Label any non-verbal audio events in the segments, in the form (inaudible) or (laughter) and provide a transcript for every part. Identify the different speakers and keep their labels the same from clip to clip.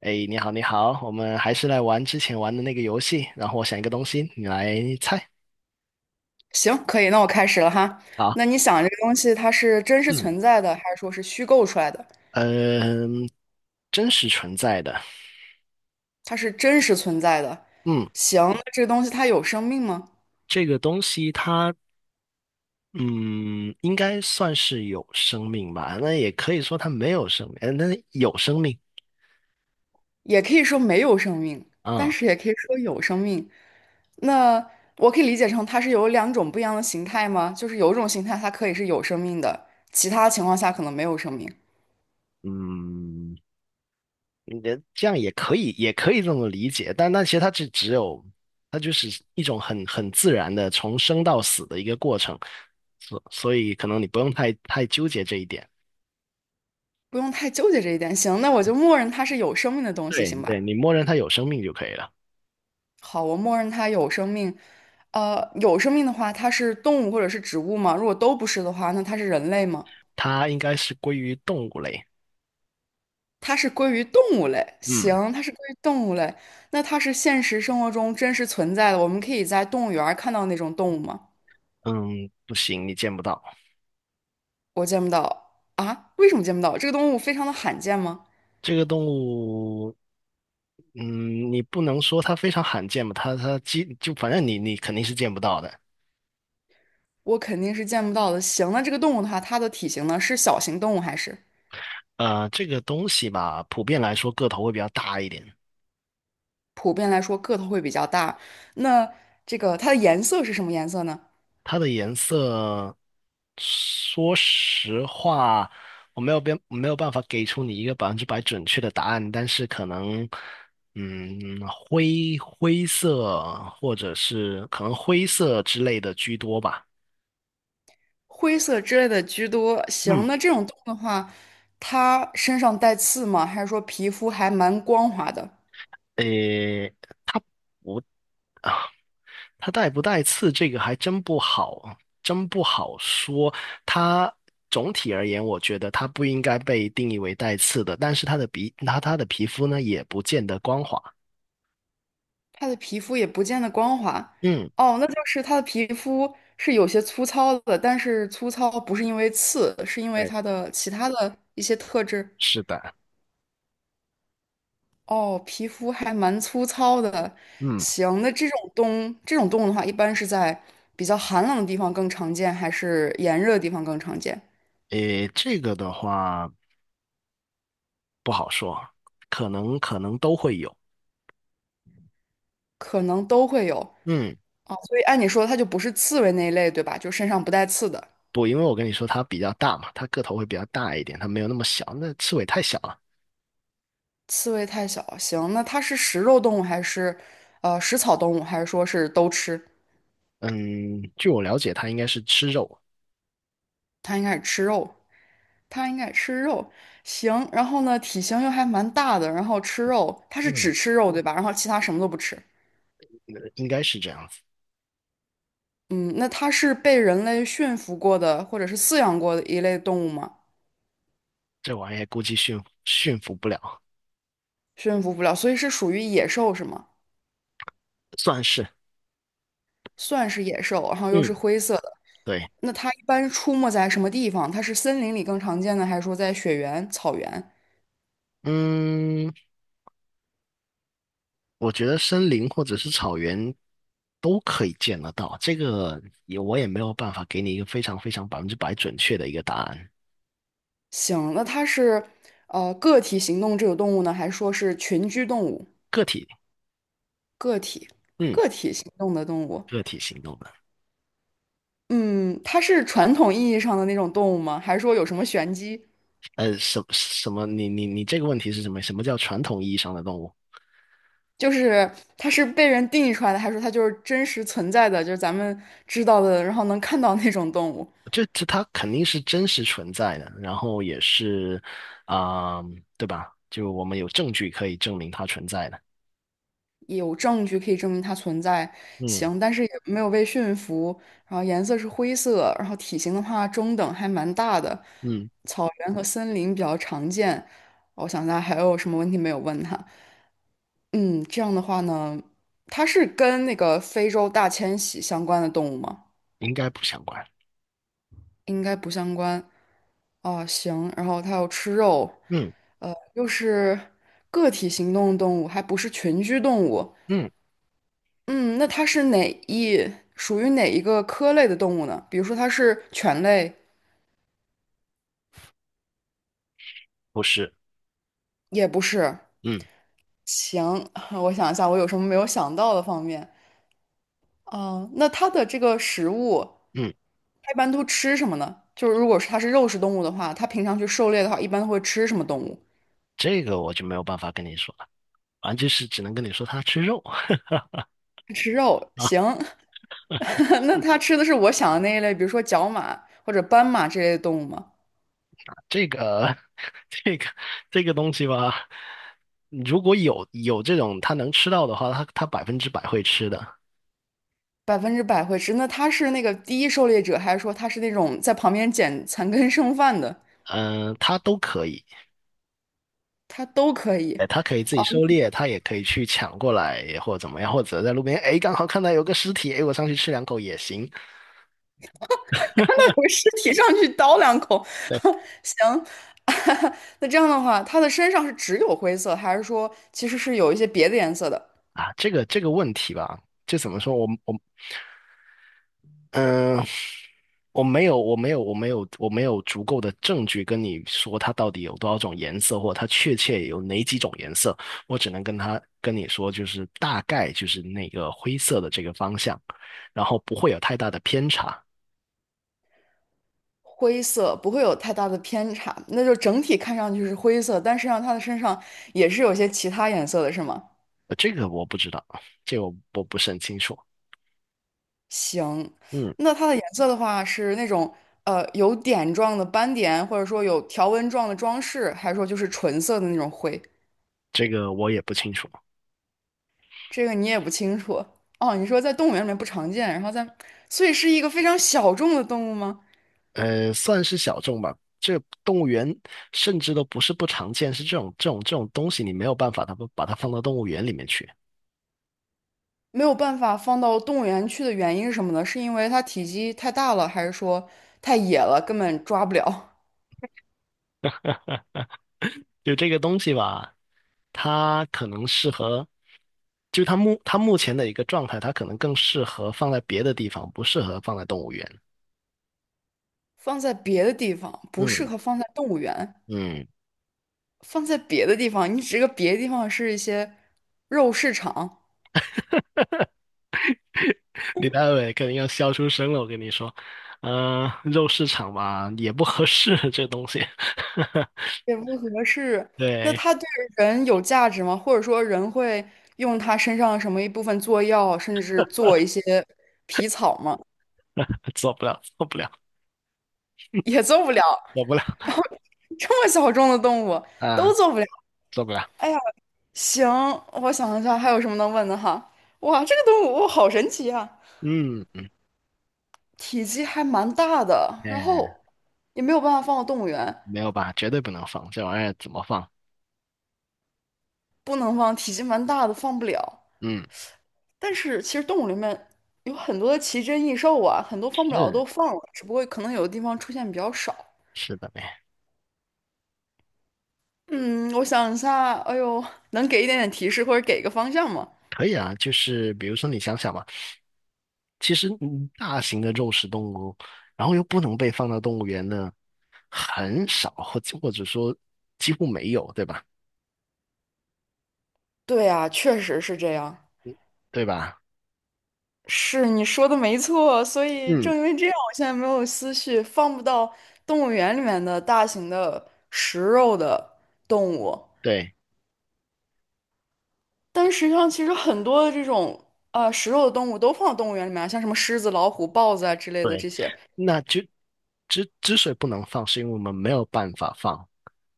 Speaker 1: 哎，你好，你好，我们还是来玩之前玩的那个游戏。然后我想一个东西，你来猜。
Speaker 2: 行，可以，那我开始了哈。
Speaker 1: 好，
Speaker 2: 那你想，这个东西它是真实
Speaker 1: 嗯，
Speaker 2: 存在的，还是说是虚构出来的？
Speaker 1: 嗯、真实存在的，
Speaker 2: 它是真实存在的。
Speaker 1: 嗯，
Speaker 2: 行，那这个东西它有生命吗？
Speaker 1: 这个东西它，嗯，应该算是有生命吧？那也可以说它没有生命，那有生命
Speaker 2: 也可以说没有生命，但
Speaker 1: 啊、
Speaker 2: 是也可以说有生命。那我可以理解成它是有两种不一样的形态吗？就是有一种形态它可以是有生命的，其他情况下可能没有生命。
Speaker 1: 嗯，你的这样也可以，也可以这么理解，但那其实它只有，它就是一种很自然的从生到死的一个过程，所以可能你不用太纠结这一点。
Speaker 2: 不用太纠结这一点。行，那我就默认它是有生命的东西，
Speaker 1: 对
Speaker 2: 行
Speaker 1: 对，
Speaker 2: 吧？
Speaker 1: 你默认它有生命就可以了，
Speaker 2: 好，我默认它有生命。有生命的话，它是动物或者是植物吗？如果都不是的话，那它是人类吗？
Speaker 1: 它应该是归于动物类。
Speaker 2: 它是归于动物类。
Speaker 1: 嗯
Speaker 2: 行，它是归于动物类。那它是现实生活中真实存在的，我们可以在动物园儿看到那种动物吗？
Speaker 1: 嗯，不行，你见不到
Speaker 2: 我见不到啊？为什么见不到？这个动物非常的罕见吗？
Speaker 1: 这个动物。你不能说它非常罕见吧？它就反正你肯定是见不到的。
Speaker 2: 我肯定是见不到的。行，那这个动物的话，它的体型呢，是小型动物还是
Speaker 1: 这个东西吧，普遍来说个头会比较大一点。
Speaker 2: 普遍来说个头会比较大？那这个它的颜色是什么颜色呢？
Speaker 1: 它的颜色，说实话，我没有办法给出你一个百分之百准确的答案，但是可能，灰色或者是可能灰色之类的居多吧。
Speaker 2: 灰色之类的居多。行，
Speaker 1: 嗯，
Speaker 2: 那这种动物的话，它身上带刺吗？还是说皮肤还蛮光滑的？
Speaker 1: 诶，它不。它带不带刺这个还真不好啊，真不好说。它总体而言，我觉得它不应该被定义为带刺的，但是它的皮，他它的皮肤呢，也不见得光滑。
Speaker 2: 它的皮肤也不见得光滑。
Speaker 1: 嗯，
Speaker 2: 哦，那就是它的皮肤是有些粗糙的，但是粗糙不是因为刺，是因为
Speaker 1: 对，
Speaker 2: 它的其他的一些特质。
Speaker 1: 是的，
Speaker 2: 哦，皮肤还蛮粗糙的。
Speaker 1: 嗯，
Speaker 2: 行，那这种动物的话，一般是在比较寒冷的地方更常见，还是炎热的地方更常见？
Speaker 1: 诶，这个的话不好说，可能都会有。
Speaker 2: 可能都会有
Speaker 1: 嗯，
Speaker 2: 啊，所以按你说它就不是刺猬那一类，对吧？就身上不带刺的。
Speaker 1: 不，因为我跟你说它比较大嘛，它个头会比较大一点，它没有那么小，那刺猬太小了。
Speaker 2: 刺猬太小，行，那它是食肉动物还是食草动物，还是说是都吃？
Speaker 1: 嗯，据我了解，它应该是吃肉，
Speaker 2: 它应该是吃肉，它应该吃肉。行，然后呢，体型又还蛮大的，然后吃肉，它是
Speaker 1: 嗯，
Speaker 2: 只吃肉，对吧？然后其他什么都不吃。
Speaker 1: 应该是这样子。
Speaker 2: 嗯，那它是被人类驯服过的，或者是饲养过的一类动物吗？
Speaker 1: 这玩意估计驯服不了，
Speaker 2: 驯服不了，所以是属于野兽是吗？
Speaker 1: 算是，
Speaker 2: 算是野兽，然后又是
Speaker 1: 嗯，
Speaker 2: 灰色的。
Speaker 1: 对，
Speaker 2: 那它一般出没在什么地方？它是森林里更常见呢，还是说在雪原、草原？
Speaker 1: 嗯，我觉得森林或者是草原都可以见得到，这个也我也没有办法给你一个非常非常百分之百准确的一个答案，
Speaker 2: 行，那它是个体行动这种动物呢，还是说是群居动物？
Speaker 1: 个体，
Speaker 2: 个体
Speaker 1: 嗯，
Speaker 2: 个体行动的动物，
Speaker 1: 个体行动的，
Speaker 2: 嗯，它是传统意义上的那种动物吗？还是说有什么玄机？
Speaker 1: 什么？你这个问题是什么？什么叫传统意义上的动物？
Speaker 2: 就是它是被人定义出来的，还是说它就是真实存在的，就是咱们知道的，然后能看到那种动物？
Speaker 1: 它肯定是真实存在的，然后也是，啊、对吧？就我们有证据可以证明它存在的，
Speaker 2: 有证据可以证明它存在，
Speaker 1: 嗯
Speaker 2: 行，但是也没有被驯服，然后颜色是灰色，然后体型的话中等，还蛮大的，
Speaker 1: 嗯。
Speaker 2: 草原和森林比较常见。我想大家还有什么问题没有问他？嗯，这样的话呢，它是跟那个非洲大迁徙相关的动物吗？
Speaker 1: 应该不相关。
Speaker 2: 应该不相关。哦，行，然后它又吃肉，
Speaker 1: 嗯
Speaker 2: 又是个体行动的动物，还不是群居动物，
Speaker 1: 嗯，
Speaker 2: 嗯，那它是哪一，属于哪一个科类的动物呢？比如说它是犬类，
Speaker 1: 不是，
Speaker 2: 也不是。
Speaker 1: 嗯
Speaker 2: 行，(laughs) 我想一下，我有什么没有想到的方面？嗯，那它的这个食物，
Speaker 1: 嗯，
Speaker 2: 它一般都吃什么呢？就是如果是它是肉食动物的话，它平常去狩猎的话，一般会吃什么动物？
Speaker 1: 这个我就没有办法跟你说了，啊，就是只能跟你说他吃肉 (laughs)
Speaker 2: 吃肉。
Speaker 1: 啊，
Speaker 2: 行，(laughs) 那它吃的是我想的那一类，比如说角马或者斑马这类的动物吗？
Speaker 1: 这个 (laughs) 这个这个东西吧，如果有这种他能吃到的话，他百分之百会吃的，
Speaker 2: 100%会吃。那它是那个第一狩猎者，还是说它是那种在旁边捡残羹剩饭的？
Speaker 1: 嗯、他都可以，
Speaker 2: 它都可以。
Speaker 1: 哎，他可以自己
Speaker 2: 哦，
Speaker 1: 狩猎，他也可以去抢过来或者怎么样，或者在路边，哎，刚好看到有个尸体，哎，我上去吃两口也行。
Speaker 2: 那那有个尸体上去叨两口，
Speaker 1: 对
Speaker 2: (laughs) 行。(laughs) 那这样的话，它的身上是只有灰色，还是说其实是有一些别的颜色的？
Speaker 1: 啊，这个问题吧，就怎么说，我嗯，我没有足够的证据跟你说它到底有多少种颜色，或者它确切有哪几种颜色。我只能跟你说，就是大概就是那个灰色的这个方向，然后不会有太大的偏差。
Speaker 2: 灰色不会有太大的偏差，那就整体看上去是灰色，但实际上它的身上也是有些其他颜色的，是吗？
Speaker 1: 这个我不知道，这个我不是很清楚。
Speaker 2: 行，
Speaker 1: 嗯，
Speaker 2: 那它的颜色的话是那种有点状的斑点，或者说有条纹状的装饰，还是说就是纯色的那种灰？
Speaker 1: 这个我也不清楚。
Speaker 2: 这个你也不清楚。哦，你说在动物园里面不常见，然后在，所以是一个非常小众的动物吗？
Speaker 1: 算是小众吧。这动物园甚至都不是不常见，是这种东西，你没有办法，它不把它放到动物园里面去。
Speaker 2: 没有办法放到动物园去的原因是什么呢？是因为它体积太大了，还是说太野了，根本抓不了？
Speaker 1: 就这个东西吧，它可能适合，就它目前的一个状态，它可能更适合放在别的地方，不适合放在动物园。
Speaker 2: 放在别的地方不适
Speaker 1: 嗯
Speaker 2: 合放在动物园，
Speaker 1: 嗯，
Speaker 2: 放在别的地方，你指个别的地方是一些肉市场，
Speaker 1: 李大伟肯定要笑出声了，我跟你说，肉市场吧也不合适这东西，(laughs)
Speaker 2: 也不合适。那
Speaker 1: 对，
Speaker 2: 它对人有价值吗？或者说人会用它身上什么一部分做药，甚至做一些皮草吗？
Speaker 1: 做不了，做不了，
Speaker 2: 也做不了。
Speaker 1: 做不了
Speaker 2: 然后这么小众的动物都
Speaker 1: 啊，
Speaker 2: 做不了。
Speaker 1: 做不了。
Speaker 2: 哎呀，行，我想一下还有什么能问的哈。哇，这个动物好神奇啊，
Speaker 1: 嗯嗯，
Speaker 2: 体积还蛮大的，然
Speaker 1: 哎，
Speaker 2: 后也没有办法放到动物园，
Speaker 1: 没有吧，绝对不能放这玩意儿，怎么放？
Speaker 2: 不能放，体积蛮大的放不了。
Speaker 1: 嗯，
Speaker 2: 但是其实动物里面有很多的奇珍异兽啊，很多放不了的
Speaker 1: 是
Speaker 2: 都放了，只不过可能有的地方出现比较少。
Speaker 1: 是的呗，
Speaker 2: 嗯，我想一下，哎呦，能给一点点提示或者给一个方向吗？
Speaker 1: 可以啊，就是比如说你想想嘛。其实大型的肉食动物，然后又不能被放到动物园呢，很少，者说几乎没有，对吧？
Speaker 2: 对啊，确实是这样。
Speaker 1: 对吧？
Speaker 2: 是你说的没错，所以
Speaker 1: 嗯，
Speaker 2: 正因为这样，我现在没有思绪，放不到动物园里面的大型的食肉的动物。
Speaker 1: 对，
Speaker 2: 但实际上，其实很多的这种食肉的动物都放到动物园里面啊像什么狮子、老虎、豹子啊之类的这些。
Speaker 1: 那就之所以不能放，是因为我们没有办法放。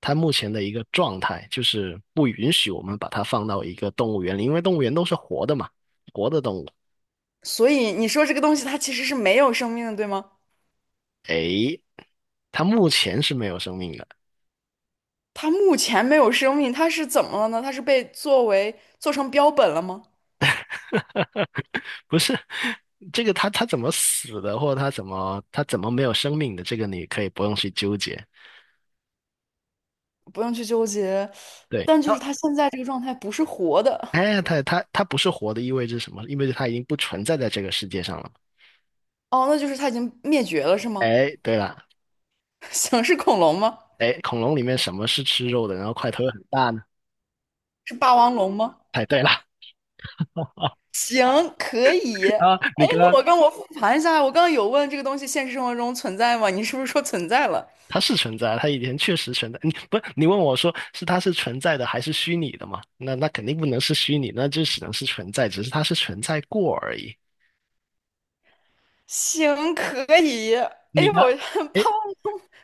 Speaker 1: 它目前的一个状态就是不允许我们把它放到一个动物园里，因为动物园都是活的嘛，活的动物。
Speaker 2: 所以你说这个东西它其实是没有生命的，对吗？
Speaker 1: 诶，它目前是没有生命的。
Speaker 2: 它目前没有生命，它是怎么了呢？它是被作为做成标本了吗？
Speaker 1: (laughs) 不是这个他怎么死的，或者他怎么没有生命的，这个你可以不用去纠结。
Speaker 2: 不用去纠结，
Speaker 1: 对，
Speaker 2: 但就是它现在这个状态不是活的，
Speaker 1: 哎，他不是活的，意味着什么？意味着他已经不存在在这个世界上了。
Speaker 2: 哦，那就是它已经灭绝了，是吗？
Speaker 1: 哎，对了，
Speaker 2: (laughs) 行，是恐龙吗？
Speaker 1: 哎，恐龙里面什么是吃肉的，然后块头又很大呢？
Speaker 2: 是霸王龙吗？
Speaker 1: 哎，对了，(laughs)
Speaker 2: 行，可以。
Speaker 1: 啊，你
Speaker 2: 哎，
Speaker 1: 刚
Speaker 2: 那
Speaker 1: 刚
Speaker 2: 我跟我复盘一下，我刚刚有问这个东西现实生活中存在吗？你是不是说存在了？
Speaker 1: 他是存在，他以前确实存在。你不，你问我说是它是存在的还是虚拟的嘛？那肯定不能是虚拟，那就只能是存在，只是它是存在过而已。
Speaker 2: 行，可以。哎
Speaker 1: 你
Speaker 2: 呦，
Speaker 1: 看，
Speaker 2: (laughs)
Speaker 1: 哎，
Speaker 2: 怕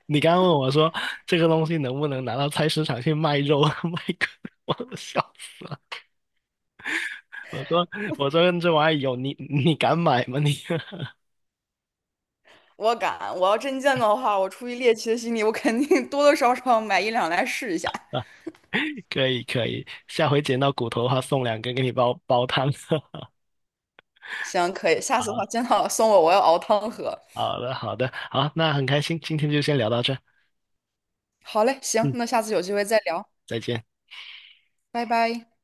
Speaker 1: 你刚刚问我说这个东西能不能拿到菜市场去卖肉 (laughs) 我都笑死了。我说我说这玩意有你敢买吗？你
Speaker 2: 我敢，我要真见到的话，我出于猎奇的心理，我肯定多多少少买一两来试一下。
Speaker 1: (laughs) 可以可以，下回捡到骨头的话送两根给你煲煲汤。(laughs)
Speaker 2: 行，可以。下次的话，见到了送我，我要熬汤喝。
Speaker 1: 好的好的，好，那很开心，今天就先聊到这儿
Speaker 2: 好嘞，行，
Speaker 1: 嗯，
Speaker 2: 那下次有机会再聊，
Speaker 1: 再见。
Speaker 2: 拜拜。